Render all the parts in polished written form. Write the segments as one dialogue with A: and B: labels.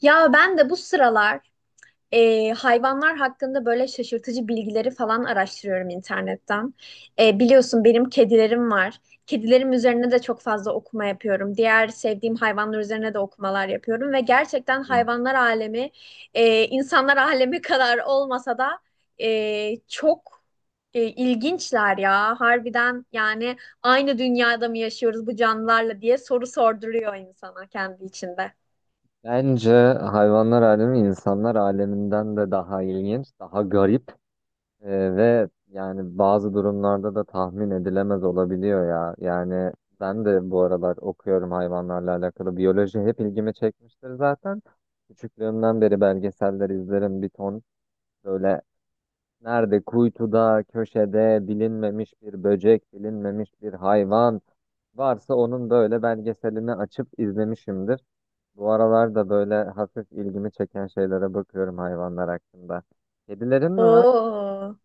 A: Ya ben de bu sıralar hayvanlar hakkında böyle şaşırtıcı bilgileri falan araştırıyorum internetten. Biliyorsun benim kedilerim var. Kedilerim üzerine de çok fazla okuma yapıyorum. Diğer sevdiğim hayvanlar üzerine de okumalar yapıyorum ve gerçekten hayvanlar alemi insanlar alemi kadar olmasa da çok ilginçler ya. Harbiden yani aynı dünyada mı yaşıyoruz bu canlılarla diye soru sorduruyor insana kendi içinde.
B: Bence hayvanlar alemi insanlar aleminden de daha ilginç, daha garip e, ve yani bazı durumlarda da tahmin edilemez olabiliyor ya. Yani ben de bu aralar okuyorum hayvanlarla alakalı. Biyoloji hep ilgimi çekmiştir zaten. Küçüklüğümden beri belgeseller izlerim bir ton. Böyle nerede kuytuda, köşede bilinmemiş bir böcek, bilinmemiş bir hayvan. Varsa onun böyle belgeselini açıp izlemişimdir. Bu aralar da böyle hafif ilgimi çeken şeylere bakıyorum hayvanlar hakkında. Kedilerin mi var?
A: Oo,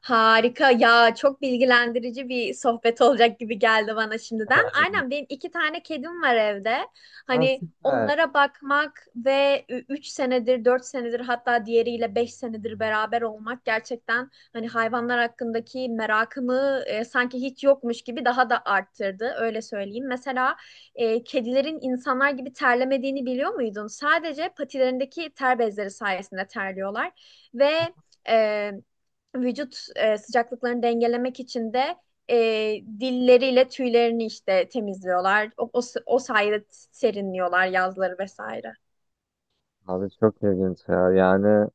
A: harika ya, çok bilgilendirici bir sohbet olacak gibi geldi bana şimdiden. Aynen benim iki tane kedim var evde.
B: Ha,
A: Hani
B: süper.
A: onlara bakmak ve 3 senedir, 4 senedir, hatta diğeriyle 5 senedir beraber olmak gerçekten hani hayvanlar hakkındaki merakımı, sanki hiç yokmuş gibi daha da arttırdı. Öyle söyleyeyim. Mesela kedilerin insanlar gibi terlemediğini biliyor muydun? Sadece patilerindeki ter bezleri sayesinde terliyorlar ve e, vücut sıcaklıklarını dengelemek için de dilleriyle tüylerini işte temizliyorlar. O sayede serinliyorlar yazları vesaire.
B: Abi çok ilginç ya. Yani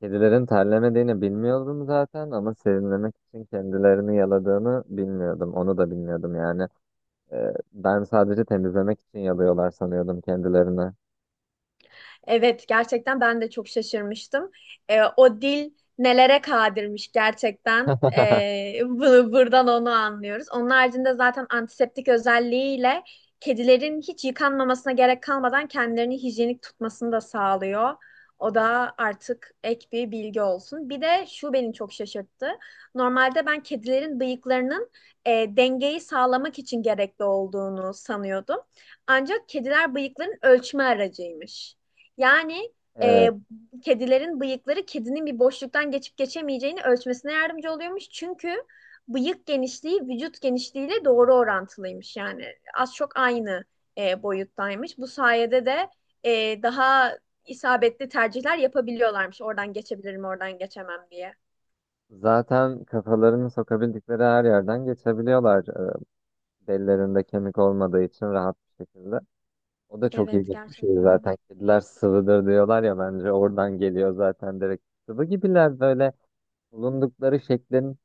B: kedilerin terlemediğini bilmiyordum zaten ama serinlemek için kendilerini yaladığını bilmiyordum. Onu da bilmiyordum yani. Ben sadece temizlemek için yalıyorlar sanıyordum kendilerini.
A: Evet, gerçekten ben de çok şaşırmıştım. O dil nelere kadirmiş gerçekten. Buradan onu anlıyoruz. Onun haricinde zaten antiseptik özelliğiyle kedilerin hiç yıkanmamasına gerek kalmadan kendilerini hijyenik tutmasını da sağlıyor. O da artık ek bir bilgi olsun. Bir de şu beni çok şaşırttı. Normalde ben kedilerin bıyıklarının dengeyi sağlamak için gerekli olduğunu sanıyordum. Ancak kediler bıyıkların ölçme aracıymış. Yani e,
B: Evet.
A: kedilerin bıyıkları kedinin bir boşluktan geçip geçemeyeceğini ölçmesine yardımcı oluyormuş. Çünkü bıyık genişliği vücut genişliğiyle doğru orantılıymış. Yani az çok aynı boyuttaymış. Bu sayede de daha isabetli tercihler yapabiliyorlarmış. Oradan geçebilirim, oradan geçemem diye.
B: Zaten kafalarını sokabildikleri her yerden geçebiliyorlar. Derilerinde kemik olmadığı için rahat bir şekilde. O da çok
A: Evet,
B: ilginç bir şey
A: gerçekten.
B: zaten. Kediler sıvıdır diyorlar ya bence oradan geliyor zaten direkt. Sıvı gibiler böyle bulundukları şeklin,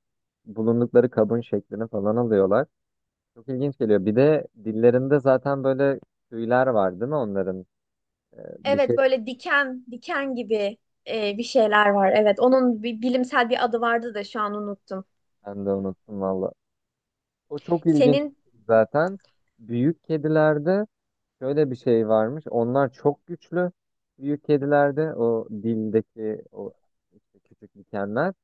B: bulundukları kabın şeklini falan alıyorlar. Çok ilginç geliyor. Bir de dillerinde zaten böyle tüyler var değil mi onların? Bir şey
A: Evet, böyle diken, diken gibi bir şeyler var. Evet, onun bir bilimsel bir adı vardı da şu an unuttum.
B: ben de unuttum valla. O çok ilginç
A: Senin
B: bir şey zaten. Büyük kedilerde şöyle bir şey varmış. Onlar çok güçlü. Büyük kedilerde o dildeki o işte küçük dikenler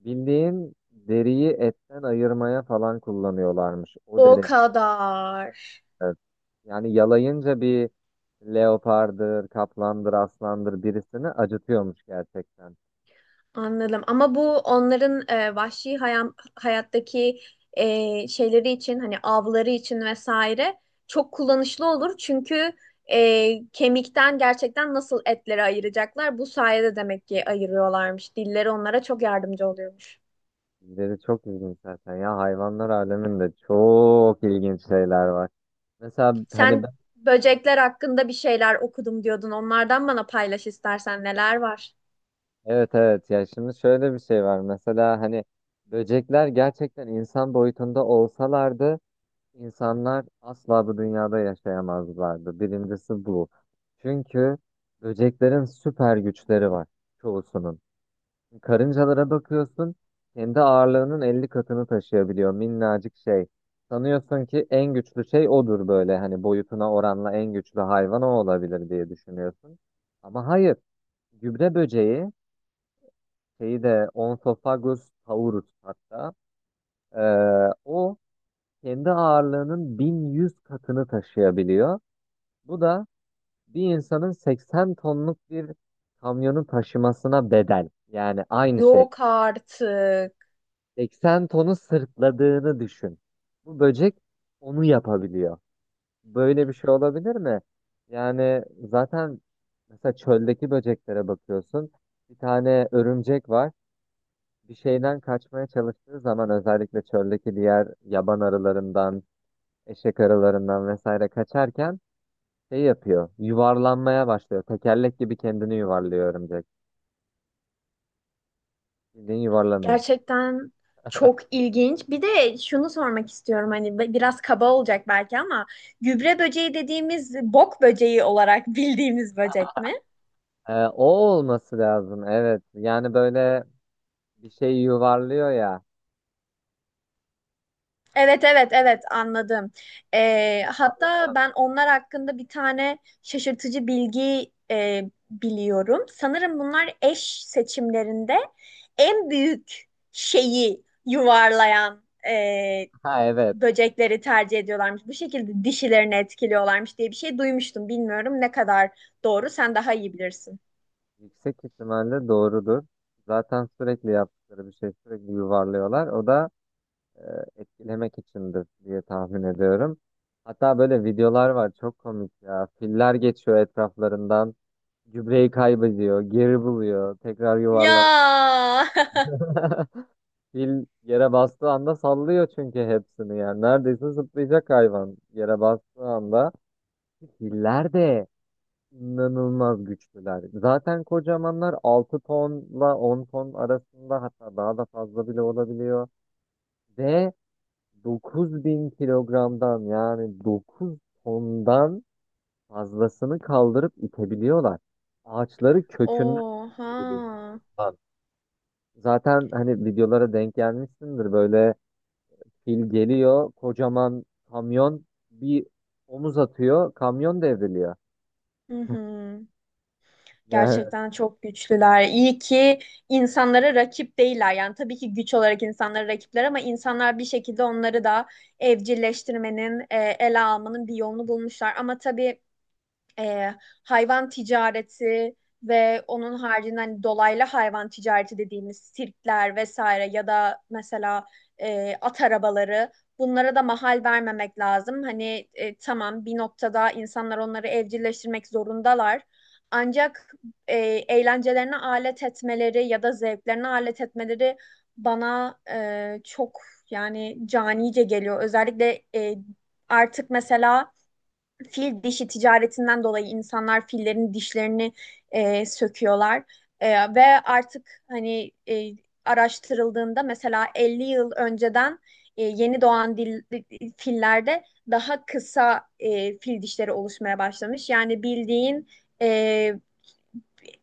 B: bildiğin deriyi etten ayırmaya falan kullanıyorlarmış. O
A: O
B: derece.
A: kadar.
B: Evet. Yani yalayınca bir leopardır, kaplandır, aslandır birisini acıtıyormuş gerçekten.
A: Anladım. Ama bu onların vahşi hayattaki şeyleri için hani avları için vesaire çok kullanışlı olur. Çünkü kemikten gerçekten nasıl etleri ayıracaklar? Bu sayede demek ki ayırıyorlarmış. Dilleri onlara çok yardımcı oluyormuş.
B: Deri çok ilginç zaten ya, hayvanlar aleminde çok ilginç şeyler var. Mesela hani.
A: Sen böcekler hakkında bir şeyler okudum diyordun. Onlardan bana paylaş istersen neler var?
B: Evet, evet, ya şimdi şöyle bir şey var mesela hani böcekler gerçekten insan boyutunda olsalardı insanlar asla bu dünyada yaşayamazlardı. Birincisi bu. Çünkü böceklerin süper güçleri var çoğusunun. Karıncalara bakıyorsun kendi ağırlığının 50 katını taşıyabiliyor minnacık şey. Sanıyorsun ki en güçlü şey odur, böyle hani boyutuna oranla en güçlü hayvan o olabilir diye düşünüyorsun. Ama hayır, gübre böceği şeyi de Onsophagus taurus hatta, e, o kendi ağırlığının 1100 katını taşıyabiliyor. Bu da bir insanın 80 tonluk bir kamyonu taşımasına bedel. Yani aynı şey.
A: Yok artık.
B: 80 tonu sırtladığını düşün. Bu böcek onu yapabiliyor. Böyle bir şey olabilir mi? Yani zaten mesela çöldeki böceklere bakıyorsun. Bir tane örümcek var. Bir şeyden kaçmaya çalıştığı zaman, özellikle çöldeki diğer yaban arılarından, eşek arılarından vesaire kaçarken şey yapıyor. Yuvarlanmaya başlıyor. Tekerlek gibi kendini yuvarlıyor örümcek. Bildiğin yuvarlanıyor.
A: Gerçekten çok ilginç. Bir de şunu sormak istiyorum, hani biraz kaba olacak belki ama gübre böceği dediğimiz bok böceği olarak bildiğimiz böcek mi?
B: O olması lazım. Evet. Yani böyle bir şey yuvarlıyor ya.
A: Evet, evet, evet, anladım. Hatta
B: Sallayan.
A: ben onlar hakkında bir tane şaşırtıcı bilgi biliyorum. Sanırım bunlar eş seçimlerinde en büyük şeyi yuvarlayan
B: Ha, evet.
A: böcekleri tercih ediyorlarmış. Bu şekilde dişilerini etkiliyorlarmış diye bir şey duymuştum. Bilmiyorum ne kadar doğru. Sen daha iyi bilirsin.
B: Yüksek ihtimalle doğrudur. Zaten sürekli yaptıkları bir şey, sürekli yuvarlıyorlar. O da etkilemek içindir diye tahmin ediyorum. Hatta böyle videolar var çok komik ya. Filler geçiyor etraflarından. Gübreyi kaybediyor, geri buluyor, tekrar
A: Ya.
B: yuvarlanıyor. Fil yere bastığı anda sallıyor çünkü hepsini yani. Neredeyse zıplayacak hayvan yere bastığı anda. Filler de inanılmaz güçlüler. Zaten kocamanlar, 6 tonla 10 ton arasında, hatta daha da fazla bile olabiliyor. Ve 9.000 kilogramdan, yani 9 tondan fazlasını kaldırıp itebiliyorlar. Ağaçları kökünden sökebiliyorlar.
A: Oha.
B: Lan, zaten hani videolara denk gelmişsindir, böyle fil geliyor kocaman kamyon, bir omuz atıyor, kamyon devriliyor.
A: Hı hı.
B: Yani
A: Gerçekten çok güçlüler. İyi ki insanlara rakip değiller. Yani tabii ki güç olarak insanlara rakipler ama insanlar bir şekilde onları da evcilleştirmenin, ele almanın bir yolunu bulmuşlar. Ama tabii e, hayvan ticareti ve onun haricinde hani dolaylı hayvan ticareti dediğimiz sirkler vesaire, ya da mesela at arabaları, bunlara da mahal vermemek lazım. Hani tamam, bir noktada insanlar onları evcilleştirmek zorundalar. Ancak e, eğlencelerine alet etmeleri ya da zevklerine alet etmeleri bana çok, yani canice geliyor. Özellikle artık mesela fil dişi ticaretinden dolayı insanlar fillerin dişlerini söküyorlar. Ve artık hani araştırıldığında mesela 50 yıl önceden yeni doğan dil, fillerde daha kısa fil dişleri oluşmaya başlamış. Yani bildiğin e,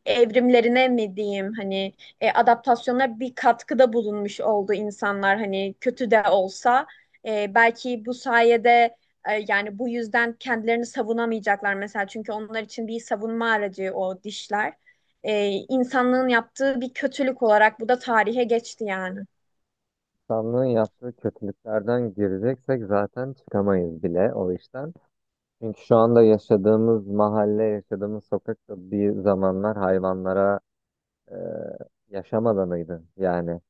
A: evrimlerine mi diyeyim, hani adaptasyona bir katkıda bulunmuş oldu insanlar, hani kötü de olsa. Belki bu sayede yani bu yüzden kendilerini savunamayacaklar mesela, çünkü onlar için bir savunma aracı o dişler. E, insanlığın yaptığı bir kötülük olarak bu da tarihe geçti yani.
B: insanlığın yaptığı kötülüklerden gireceksek zaten çıkamayız bile o işten. Çünkü şu anda yaşadığımız mahalle, yaşadığımız sokak da bir zamanlar hayvanlara e, yaşam alanıydı. Yani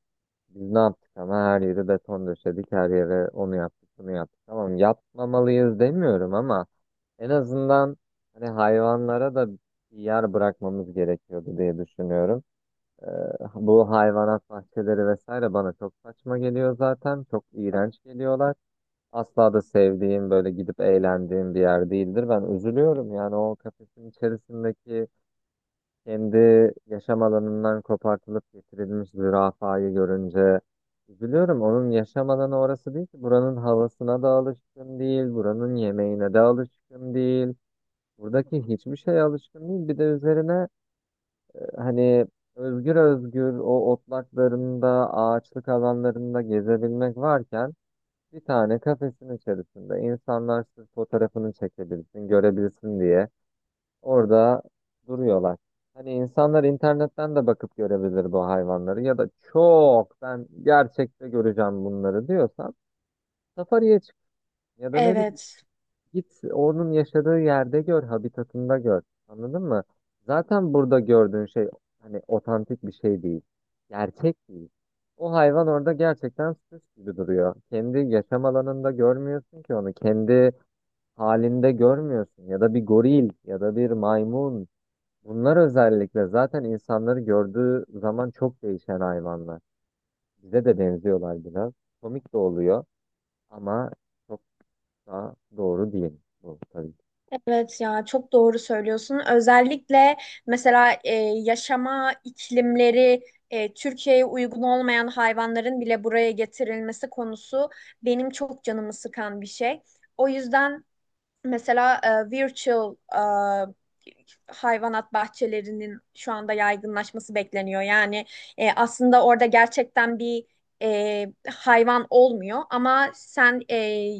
B: biz ne yaptık ama, her yeri beton döşedik, her yere onu yaptık, bunu yaptık. Tamam, yapmamalıyız demiyorum ama en azından hani hayvanlara da bir yer bırakmamız gerekiyordu diye düşünüyorum. E, bu hayvanat bahçeleri vesaire bana çok saçma geliyor zaten. Çok iğrenç geliyorlar. Asla da sevdiğim, böyle gidip eğlendiğim bir yer değildir. Ben üzülüyorum yani, o kafesin içerisindeki kendi yaşam alanından kopartılıp getirilmiş zürafayı görünce üzülüyorum. Onun yaşam alanı orası değil ki. Buranın havasına da alışkın değil, buranın yemeğine de alışkın değil. Buradaki hiçbir şeye alışkın değil. Bir de üzerine hani özgür özgür o otlaklarında, ağaçlık alanlarında gezebilmek varken bir tane kafesin içerisinde insanlar sırf fotoğrafını çekebilsin, görebilsin diye orada duruyorlar. Hani insanlar internetten de bakıp görebilir bu hayvanları, ya da çok ben gerçekte göreceğim bunları diyorsan safariye çık ya da ne bileyim,
A: Evet.
B: git onun yaşadığı yerde gör, habitatında gör. Anladın mı? Zaten burada gördüğün şey hani otantik bir şey değil. Gerçek değil. O hayvan orada gerçekten süs gibi duruyor. Kendi yaşam alanında görmüyorsun ki onu. Kendi halinde görmüyorsun. Ya da bir goril ya da bir maymun, bunlar özellikle zaten insanları gördüğü zaman çok değişen hayvanlar. Bize de benziyorlar biraz. Komik de oluyor ama çok da doğru değil bu tabii ki.
A: Evet ya, çok doğru söylüyorsun. Özellikle mesela yaşama iklimleri Türkiye'ye uygun olmayan hayvanların bile buraya getirilmesi konusu benim çok canımı sıkan bir şey. O yüzden mesela virtual hayvanat bahçelerinin şu anda yaygınlaşması bekleniyor. Yani aslında orada gerçekten bir hayvan olmuyor ama sen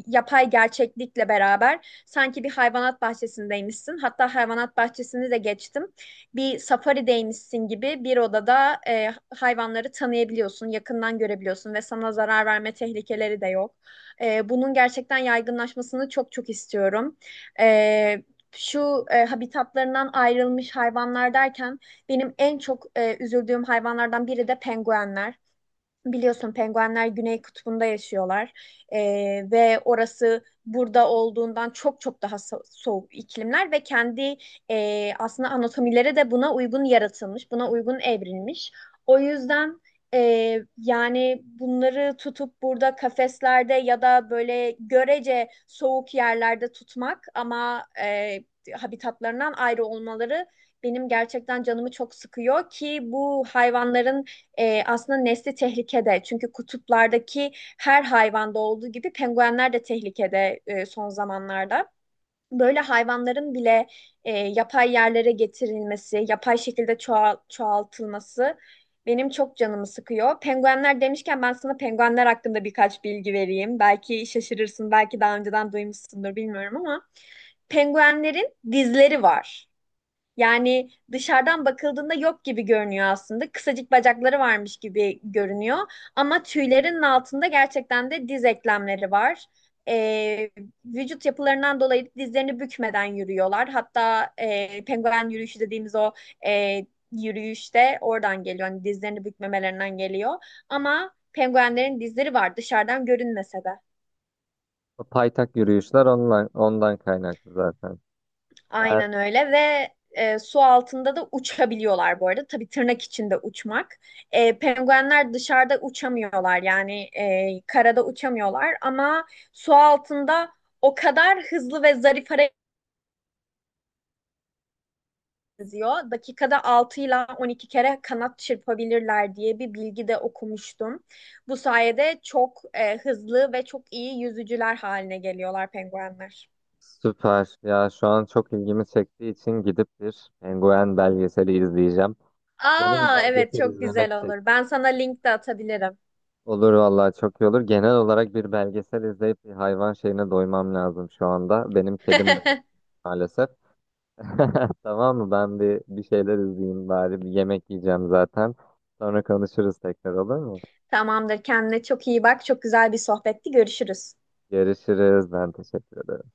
A: yapay gerçeklikle beraber sanki bir hayvanat bahçesindeymişsin. Hatta hayvanat bahçesini de geçtim. Bir safarideymişsin gibi bir odada hayvanları tanıyabiliyorsun, yakından görebiliyorsun ve sana zarar verme tehlikeleri de yok. Bunun gerçekten yaygınlaşmasını çok çok istiyorum, e, şu habitatlarından ayrılmış hayvanlar derken benim en çok üzüldüğüm hayvanlardan biri de penguenler. Biliyorsun penguenler Güney Kutbu'nda yaşıyorlar. Ve orası burada olduğundan çok çok daha soğuk iklimler ve kendi aslında anatomileri de buna uygun yaratılmış, buna uygun evrilmiş. O yüzden yani bunları tutup burada kafeslerde ya da böyle görece soğuk yerlerde tutmak ama habitatlarından ayrı olmaları benim gerçekten canımı çok sıkıyor ki bu hayvanların aslında nesli tehlikede. Çünkü kutuplardaki her hayvanda olduğu gibi penguenler de tehlikede son zamanlarda. Böyle hayvanların bile yapay yerlere getirilmesi, yapay şekilde çoğaltılması benim çok canımı sıkıyor. Penguenler demişken ben sana penguenler hakkında birkaç bilgi vereyim. Belki şaşırırsın, belki daha önceden duymuşsundur bilmiyorum, ama penguenlerin dizleri var. Yani dışarıdan bakıldığında yok gibi görünüyor aslında. Kısacık bacakları varmış gibi görünüyor. Ama tüylerinin altında gerçekten de diz eklemleri var. Ee, vücut yapılarından dolayı dizlerini bükmeden yürüyorlar. Hatta penguen yürüyüşü dediğimiz o e, yürüyüş de oradan geliyor. Hani dizlerini bükmemelerinden geliyor. Ama penguenlerin dizleri var dışarıdan görünmese de.
B: O paytak yürüyüşler ondan kaynaklı zaten. Ben
A: Aynen öyle ve su altında da uçabiliyorlar bu arada. Tabii tırnak içinde uçmak. Penguenler dışarıda uçamıyorlar, yani karada uçamıyorlar ama su altında o kadar hızlı ve zarif hareket ediyor. Dakikada 6 ile 12 kere kanat çırpabilirler diye bir bilgi de okumuştum. Bu sayede çok hızlı ve çok iyi yüzücüler haline geliyorlar penguenler.
B: süper ya, şu an çok ilgimi çektiği için gidip bir penguen belgeseli izleyeceğim. Canım
A: Aa, evet,
B: belgesel
A: çok
B: izlemek
A: güzel olur.
B: çekti.
A: Ben sana link de atabilirim.
B: Olur vallahi, çok iyi olur. Genel olarak bir belgesel izleyip bir hayvan şeyine doymam lazım şu anda. Benim kedim de yok maalesef. Tamam mı? Ben bir şeyler izleyeyim bari. Bir yemek yiyeceğim zaten. Sonra konuşuruz tekrar, olur mu?
A: Tamamdır. Kendine çok iyi bak. Çok güzel bir sohbetti. Görüşürüz.
B: Görüşürüz. Ben teşekkür ederim.